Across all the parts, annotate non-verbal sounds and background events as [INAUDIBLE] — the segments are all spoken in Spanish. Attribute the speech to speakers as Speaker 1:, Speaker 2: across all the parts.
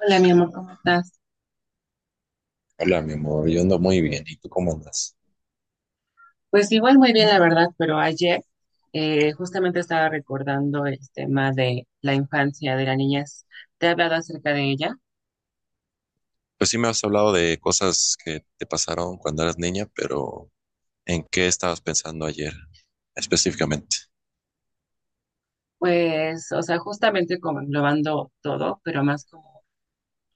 Speaker 1: Hola, mi amor, ¿cómo estás?
Speaker 2: Hola, mi amor, yo ando muy bien. ¿Y tú cómo andas?
Speaker 1: Pues igual muy bien, la verdad, pero ayer justamente estaba recordando el tema de la infancia, de la niñez. Te he hablado acerca de ella.
Speaker 2: Pues sí me has hablado de cosas que te pasaron cuando eras niña, pero ¿en qué estabas pensando ayer específicamente?
Speaker 1: Pues, o sea, justamente como englobando todo, pero más como,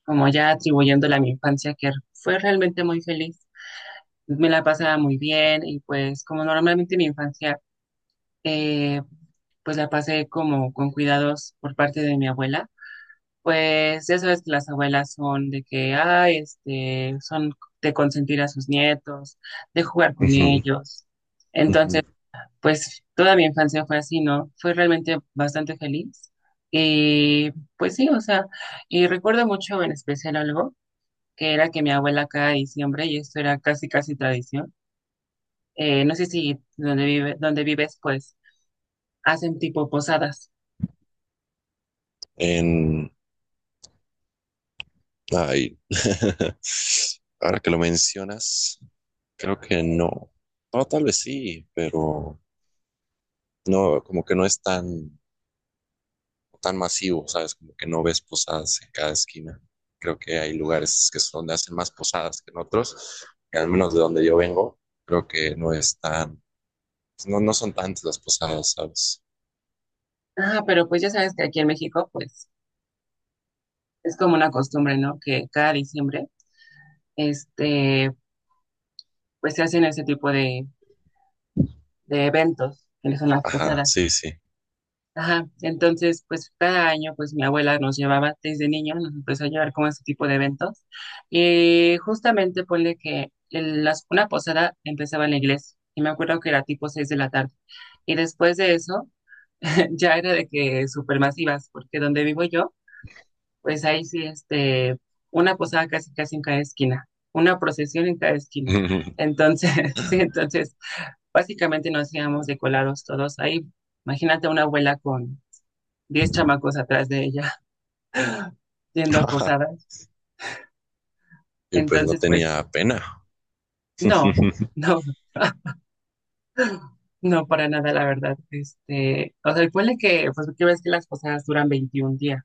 Speaker 1: como ya atribuyéndole a mi infancia, que fue realmente muy feliz. Me la pasaba muy bien, y pues como normalmente mi infancia, eh, pues la pasé como con cuidados por parte de mi abuela. Pues ya sabes que las abuelas son de que, ay, son de consentir a sus nietos, de jugar con
Speaker 2: Ujú,
Speaker 1: ellos. Entonces,
Speaker 2: ujú.
Speaker 1: pues toda mi infancia fue así, ¿no? Fue realmente bastante feliz. Y pues sí, o sea, y recuerdo mucho en especial algo, que era que mi abuela cada diciembre, y esto era casi, casi tradición. No sé si donde vives, pues hacen tipo posadas.
Speaker 2: En... Ay, [LAUGHS] ahora que lo mencionas, creo que no. No, tal vez sí, pero no, como que no es tan masivo, ¿sabes? Como que no ves posadas en cada esquina. Creo que hay lugares que son donde hacen más posadas que en otros, que al menos de donde yo vengo, creo que no es tan, pues, no son tantas las posadas, ¿sabes?
Speaker 1: Ah, pero pues ya sabes que aquí en México, pues es como una costumbre, ¿no? Que cada diciembre este, pues se hacen ese tipo de eventos, que no son las
Speaker 2: Ajá,
Speaker 1: posadas.
Speaker 2: sí, sí.
Speaker 1: Ajá, entonces, pues cada año, pues mi abuela nos llevaba desde niño, nos empezó a llevar como a ese tipo de eventos. Y justamente ponle que una posada empezaba en la iglesia, y me acuerdo que era tipo 6 de la tarde. Y después de eso, [LAUGHS] ya era de que supermasivas, porque donde vivo yo, pues ahí sí, una posada casi, casi en cada esquina, una procesión en cada esquina.
Speaker 2: [LAUGHS]
Speaker 1: Entonces, [LAUGHS] sí, entonces básicamente nos íbamos de colados todos ahí. Imagínate una abuela con 10 chamacos atrás de ella, [LAUGHS] yendo a posadas.
Speaker 2: Y pues no
Speaker 1: Entonces, pues,
Speaker 2: tenía pena.
Speaker 1: no,
Speaker 2: [LAUGHS]
Speaker 1: [LAUGHS] no, no para nada, la verdad. O sea, ponle que, pues, que ves que las posadas duran 21 días.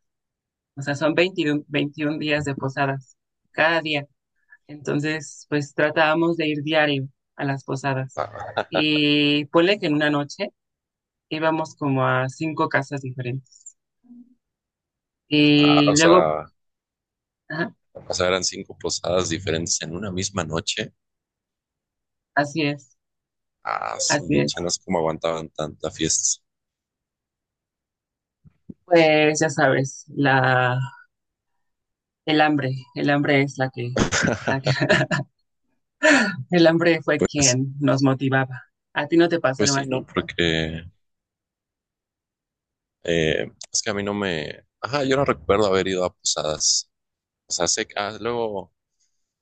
Speaker 1: O sea, son 21 días de posadas cada día. Entonces, pues tratábamos de ir diario a las posadas.
Speaker 2: Ah,
Speaker 1: Y ponle que en una noche íbamos como a cinco casas diferentes.
Speaker 2: ah,
Speaker 1: Y luego, ajá,
Speaker 2: o sea, eran 5 posadas diferentes en una misma noche.
Speaker 1: así es.
Speaker 2: Ah, su
Speaker 1: Así
Speaker 2: mecha,
Speaker 1: es.
Speaker 2: no sé cómo aguantaban tanta fiesta.
Speaker 1: Pues ya sabes, el hambre es la que, la que-
Speaker 2: [LAUGHS]
Speaker 1: [LAUGHS] el hambre fue
Speaker 2: Pues,
Speaker 1: quien nos motivaba. ¿A ti no te pasó
Speaker 2: pues
Speaker 1: algo
Speaker 2: sí, ¿no?
Speaker 1: así?
Speaker 2: Porque es que a mí no me... Ajá, yo no recuerdo haber ido a posadas. O sea, sé que ah, luego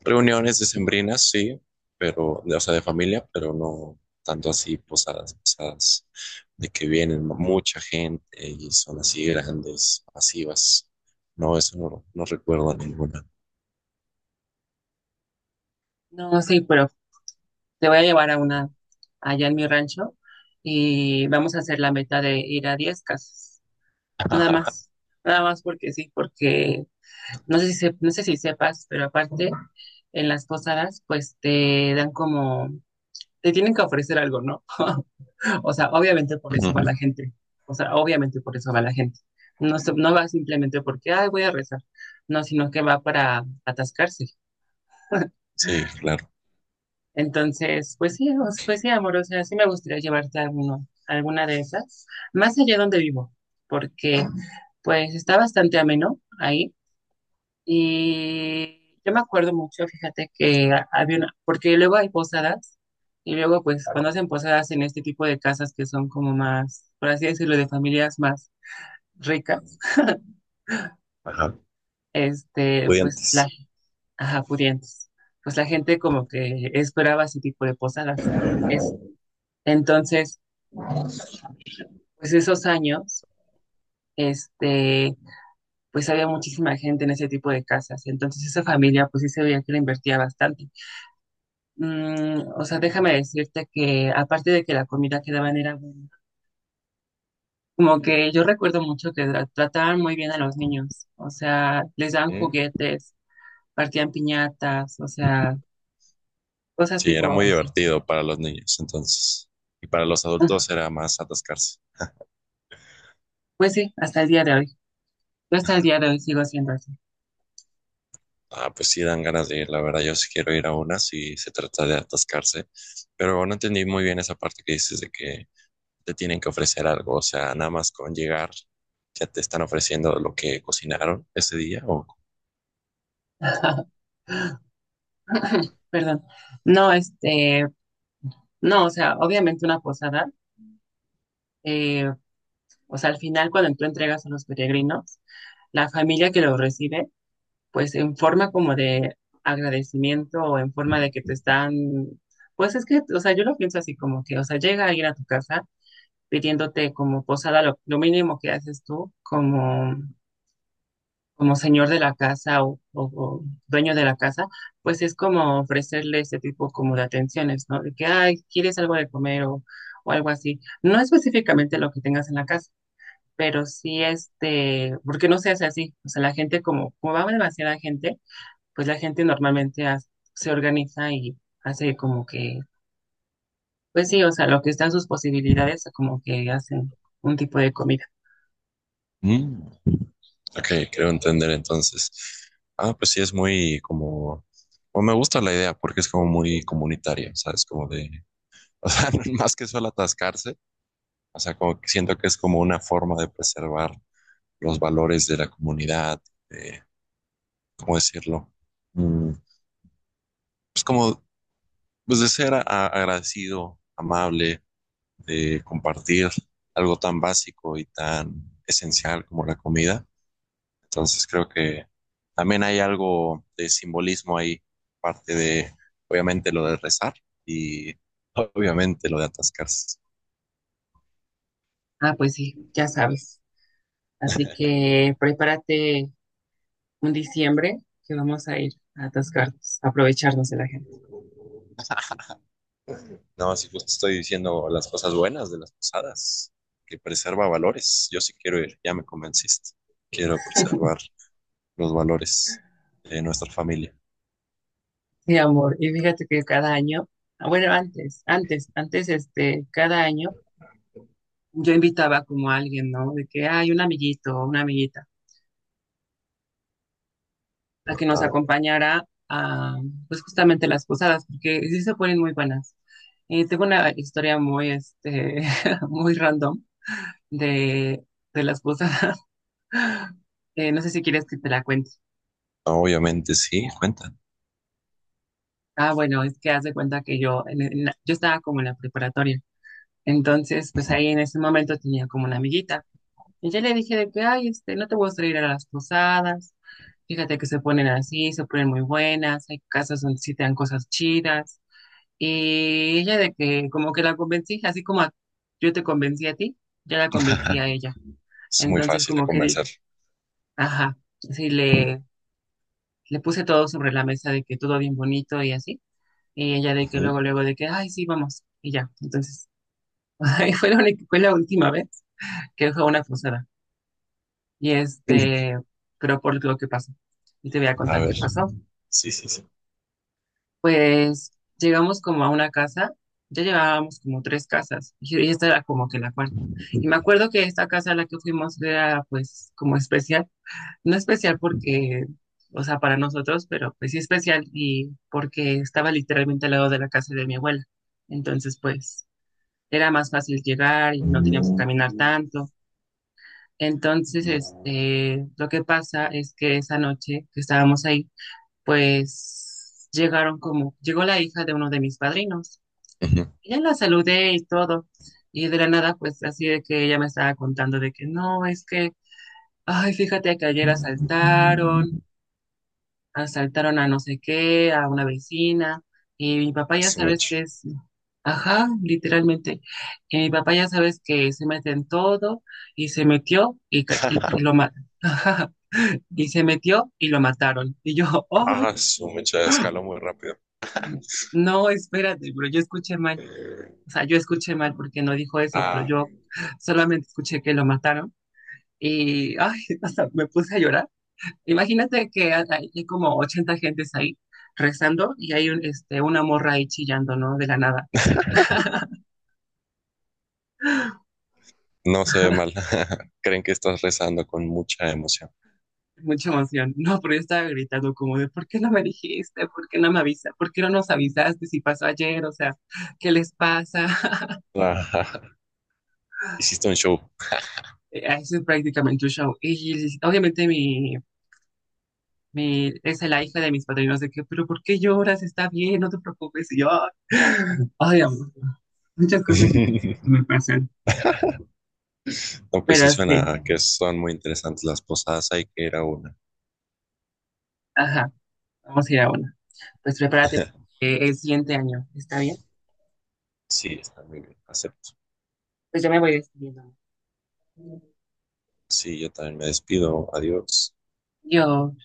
Speaker 2: reuniones decembrinas, sí, pero, de- o sea, de familia, pero no tanto así posadas, posadas, de que vienen mucha gente y son así grandes, masivas. No, eso no, no recuerdo ninguna.
Speaker 1: No, sí, pero te voy a llevar a una allá en mi rancho, y vamos a hacer la meta de ir a 10 casas. Nada
Speaker 2: [LAUGHS]
Speaker 1: más, nada más porque sí, porque no sé si no sé si sepas, pero aparte en las posadas pues te dan como te tienen que ofrecer algo, ¿no? [LAUGHS] O sea, obviamente por eso va la
Speaker 2: Ujú.
Speaker 1: gente. O sea, obviamente por eso va la gente. No, no va simplemente porque, ay, voy a rezar. No, sino que va para atascarse.
Speaker 2: Sí, claro.
Speaker 1: Entonces, pues sí, o sea, pues sí, amor. O sea, sí me gustaría llevarte a alguno, a alguna de esas, más allá donde vivo, porque pues está bastante ameno ahí. Y yo me acuerdo mucho, fíjate que había una, porque luego hay posadas. Y luego, pues, cuando hacen posadas en este tipo de casas que son como más, por así decirlo, de familias más ricas,
Speaker 2: Ajá.
Speaker 1: pues la,
Speaker 2: Pudientes.
Speaker 1: ajá, pudientes. Pues la gente como que esperaba ese tipo de posadas. Es, entonces, pues esos años, este, pues había muchísima gente en ese tipo de casas. Entonces esa familia, pues sí se veía que le invertía bastante. Mm, o sea, déjame decirte que aparte de que la comida que daban era buena, como que yo recuerdo mucho que trataban muy bien a los niños. O sea, les daban
Speaker 2: ¿Eh?
Speaker 1: juguetes, partían piñatas, o sea, cosas
Speaker 2: Sí,
Speaker 1: tipo
Speaker 2: era muy
Speaker 1: así.
Speaker 2: divertido para los niños entonces. Y para los adultos era más atascarse.
Speaker 1: Pues sí, hasta el día de hoy. Yo hasta el día de hoy sigo siendo así.
Speaker 2: Ah, pues sí dan ganas de ir, la verdad. Yo sí quiero ir a una si se trata de atascarse, pero no entendí muy bien esa parte que dices de que te tienen que ofrecer algo, o sea, nada más con llegar ya te están ofreciendo lo que cocinaron ese día o
Speaker 1: [LAUGHS] Perdón. No, no, o sea, obviamente una posada, eh, o sea, al final cuando tú entregas a los peregrinos, la familia que los recibe, pues en forma como de agradecimiento o en forma de que te están, pues es que, o sea, yo lo pienso así como que, o sea, llega alguien a tu casa pidiéndote como posada, lo mínimo que haces tú, como señor de la casa o dueño de la casa, pues es como ofrecerle ese tipo como de atenciones, ¿no? De que, ay, ¿quieres algo de comer, o algo así? No específicamente lo que tengas en la casa, pero sí, porque no se hace así. O sea, la gente como, como va demasiada gente, pues la gente normalmente se organiza y hace como que, pues sí, o sea, lo que están sus posibilidades, como que hacen un tipo de comida.
Speaker 2: Mm, ok, creo entender entonces. Ah, pues sí es muy como o me gusta la idea porque es como muy comunitaria, ¿sabes? Como de, [LAUGHS] o sea, más que solo atascarse, o sea, como que siento que es como una forma de preservar los valores de la comunidad, de ¿cómo decirlo? Mm, pues como, pues de ser a- agradecido, amable, de compartir algo tan básico y tan esencial como la comida. Entonces creo que también hay algo de simbolismo ahí, parte de, obviamente, lo de rezar y obviamente lo de atascarse.
Speaker 1: Ah, pues sí, ya sabes. Así que prepárate un diciembre que vamos a ir a atascarnos, a aprovecharnos de la gente.
Speaker 2: No, si justo estoy diciendo las cosas buenas de las posadas, que preserva valores. Yo sí quiero ir, ya me convenciste. Quiero preservar los valores de nuestra familia.
Speaker 1: Sí, amor, y fíjate que cada año, ah, bueno, antes, cada año yo invitaba como a alguien, ¿no? De que hay un amiguito o una amiguita a que nos
Speaker 2: Ah,
Speaker 1: acompañara a, pues justamente las posadas, porque sí se ponen muy buenas. Y tengo una historia muy, [LAUGHS] muy random de, de las posadas. [LAUGHS] No sé si quieres que te la cuente.
Speaker 2: obviamente sí, cuentan.
Speaker 1: Ah, bueno, es que haz de cuenta que yo, yo estaba como en la preparatoria. Entonces, pues ahí en ese momento tenía como una amiguita. Y yo le dije de que, ay, no te voy a traer a las posadas. Fíjate que se ponen así, se ponen muy buenas. Hay casas donde sí te dan cosas chidas. Y ella de que como que la convencí, así como yo te convencí a ti, yo la convencí a
Speaker 2: [LAUGHS]
Speaker 1: ella.
Speaker 2: Es muy
Speaker 1: Entonces
Speaker 2: fácil de
Speaker 1: como que dije,
Speaker 2: convencer.
Speaker 1: ajá, sí, le puse todo sobre la mesa de que todo bien bonito y así. Y ella de que
Speaker 2: Ujú.
Speaker 1: luego de que, ay, sí, vamos. Y ya, entonces, [LAUGHS] ahí fue fue la última vez que fue a una posada. Y
Speaker 2: [LAUGHS]
Speaker 1: pero por lo que pasó. Y te voy a
Speaker 2: A
Speaker 1: contar qué
Speaker 2: ver,
Speaker 1: pasó.
Speaker 2: sí, sí, sí.
Speaker 1: Pues llegamos como a una casa, ya llevábamos como tres casas, y esta era como que la cuarta. Y me acuerdo que esta casa a la que fuimos era pues como especial, no especial porque, o sea, para nosotros, pero pues sí especial, y porque estaba literalmente al lado de la casa de mi abuela. Entonces, pues era más fácil llegar y no teníamos que
Speaker 2: Ujú.
Speaker 1: caminar tanto. Entonces, lo que pasa es que esa noche que estábamos ahí, pues llegaron como, llegó la hija de uno de mis padrinos. Y ya la saludé y todo. Y de la nada, pues así de que ella me estaba contando de que no, es que, ay, fíjate que ayer asaltaron a no sé qué, a una vecina. Y mi papá
Speaker 2: A
Speaker 1: ya
Speaker 2: su
Speaker 1: sabes
Speaker 2: mecha.
Speaker 1: que es, ajá, literalmente. Y mi papá ya sabes que se mete en todo y se metió y, y lo mata. [LAUGHS] Y se metió y lo mataron. Y yo, [LAUGHS] oh,
Speaker 2: Ah, su mecha escaló muy rápido.
Speaker 1: no, espérate, pero yo escuché mal. O sea, yo escuché mal porque no dijo eso, pero
Speaker 2: Ah,
Speaker 1: yo solamente escuché que lo mataron. Y, ay, [LAUGHS] o sea, me puse a llorar. Imagínate que hay como 80 gentes ahí rezando, y hay una morra ahí chillando, ¿no? De la nada.
Speaker 2: no se ve mal. [LAUGHS] Creen que estás rezando con mucha emoción. [LAUGHS]
Speaker 1: Mucha emoción. No, pero yo estaba gritando como de, ¿por qué no me dijiste? ¿Por qué no me avisas? ¿Por qué no nos avisaste si pasó ayer? O sea, ¿qué les pasa? [LAUGHS]
Speaker 2: Ah, hiciste un show.
Speaker 1: Eso es prácticamente un show. Y obviamente es la hija de mis padrinos, de que, pero ¿por qué lloras? Está bien, no te preocupes. Y yo, ay, amor, muchas cosas
Speaker 2: [LAUGHS]
Speaker 1: que me pasan.
Speaker 2: No, pues sí
Speaker 1: Pero sí,
Speaker 2: suena que son muy interesantes las posadas. Hay que ir a una.
Speaker 1: ajá, vamos a ir a una. Pues prepárate
Speaker 2: [LAUGHS]
Speaker 1: el siguiente año, ¿está bien?
Speaker 2: Sí, está muy bien. Acepto.
Speaker 1: Pues ya me voy despidiendo.
Speaker 2: Sí, yo también me despido. Adiós.
Speaker 1: Yo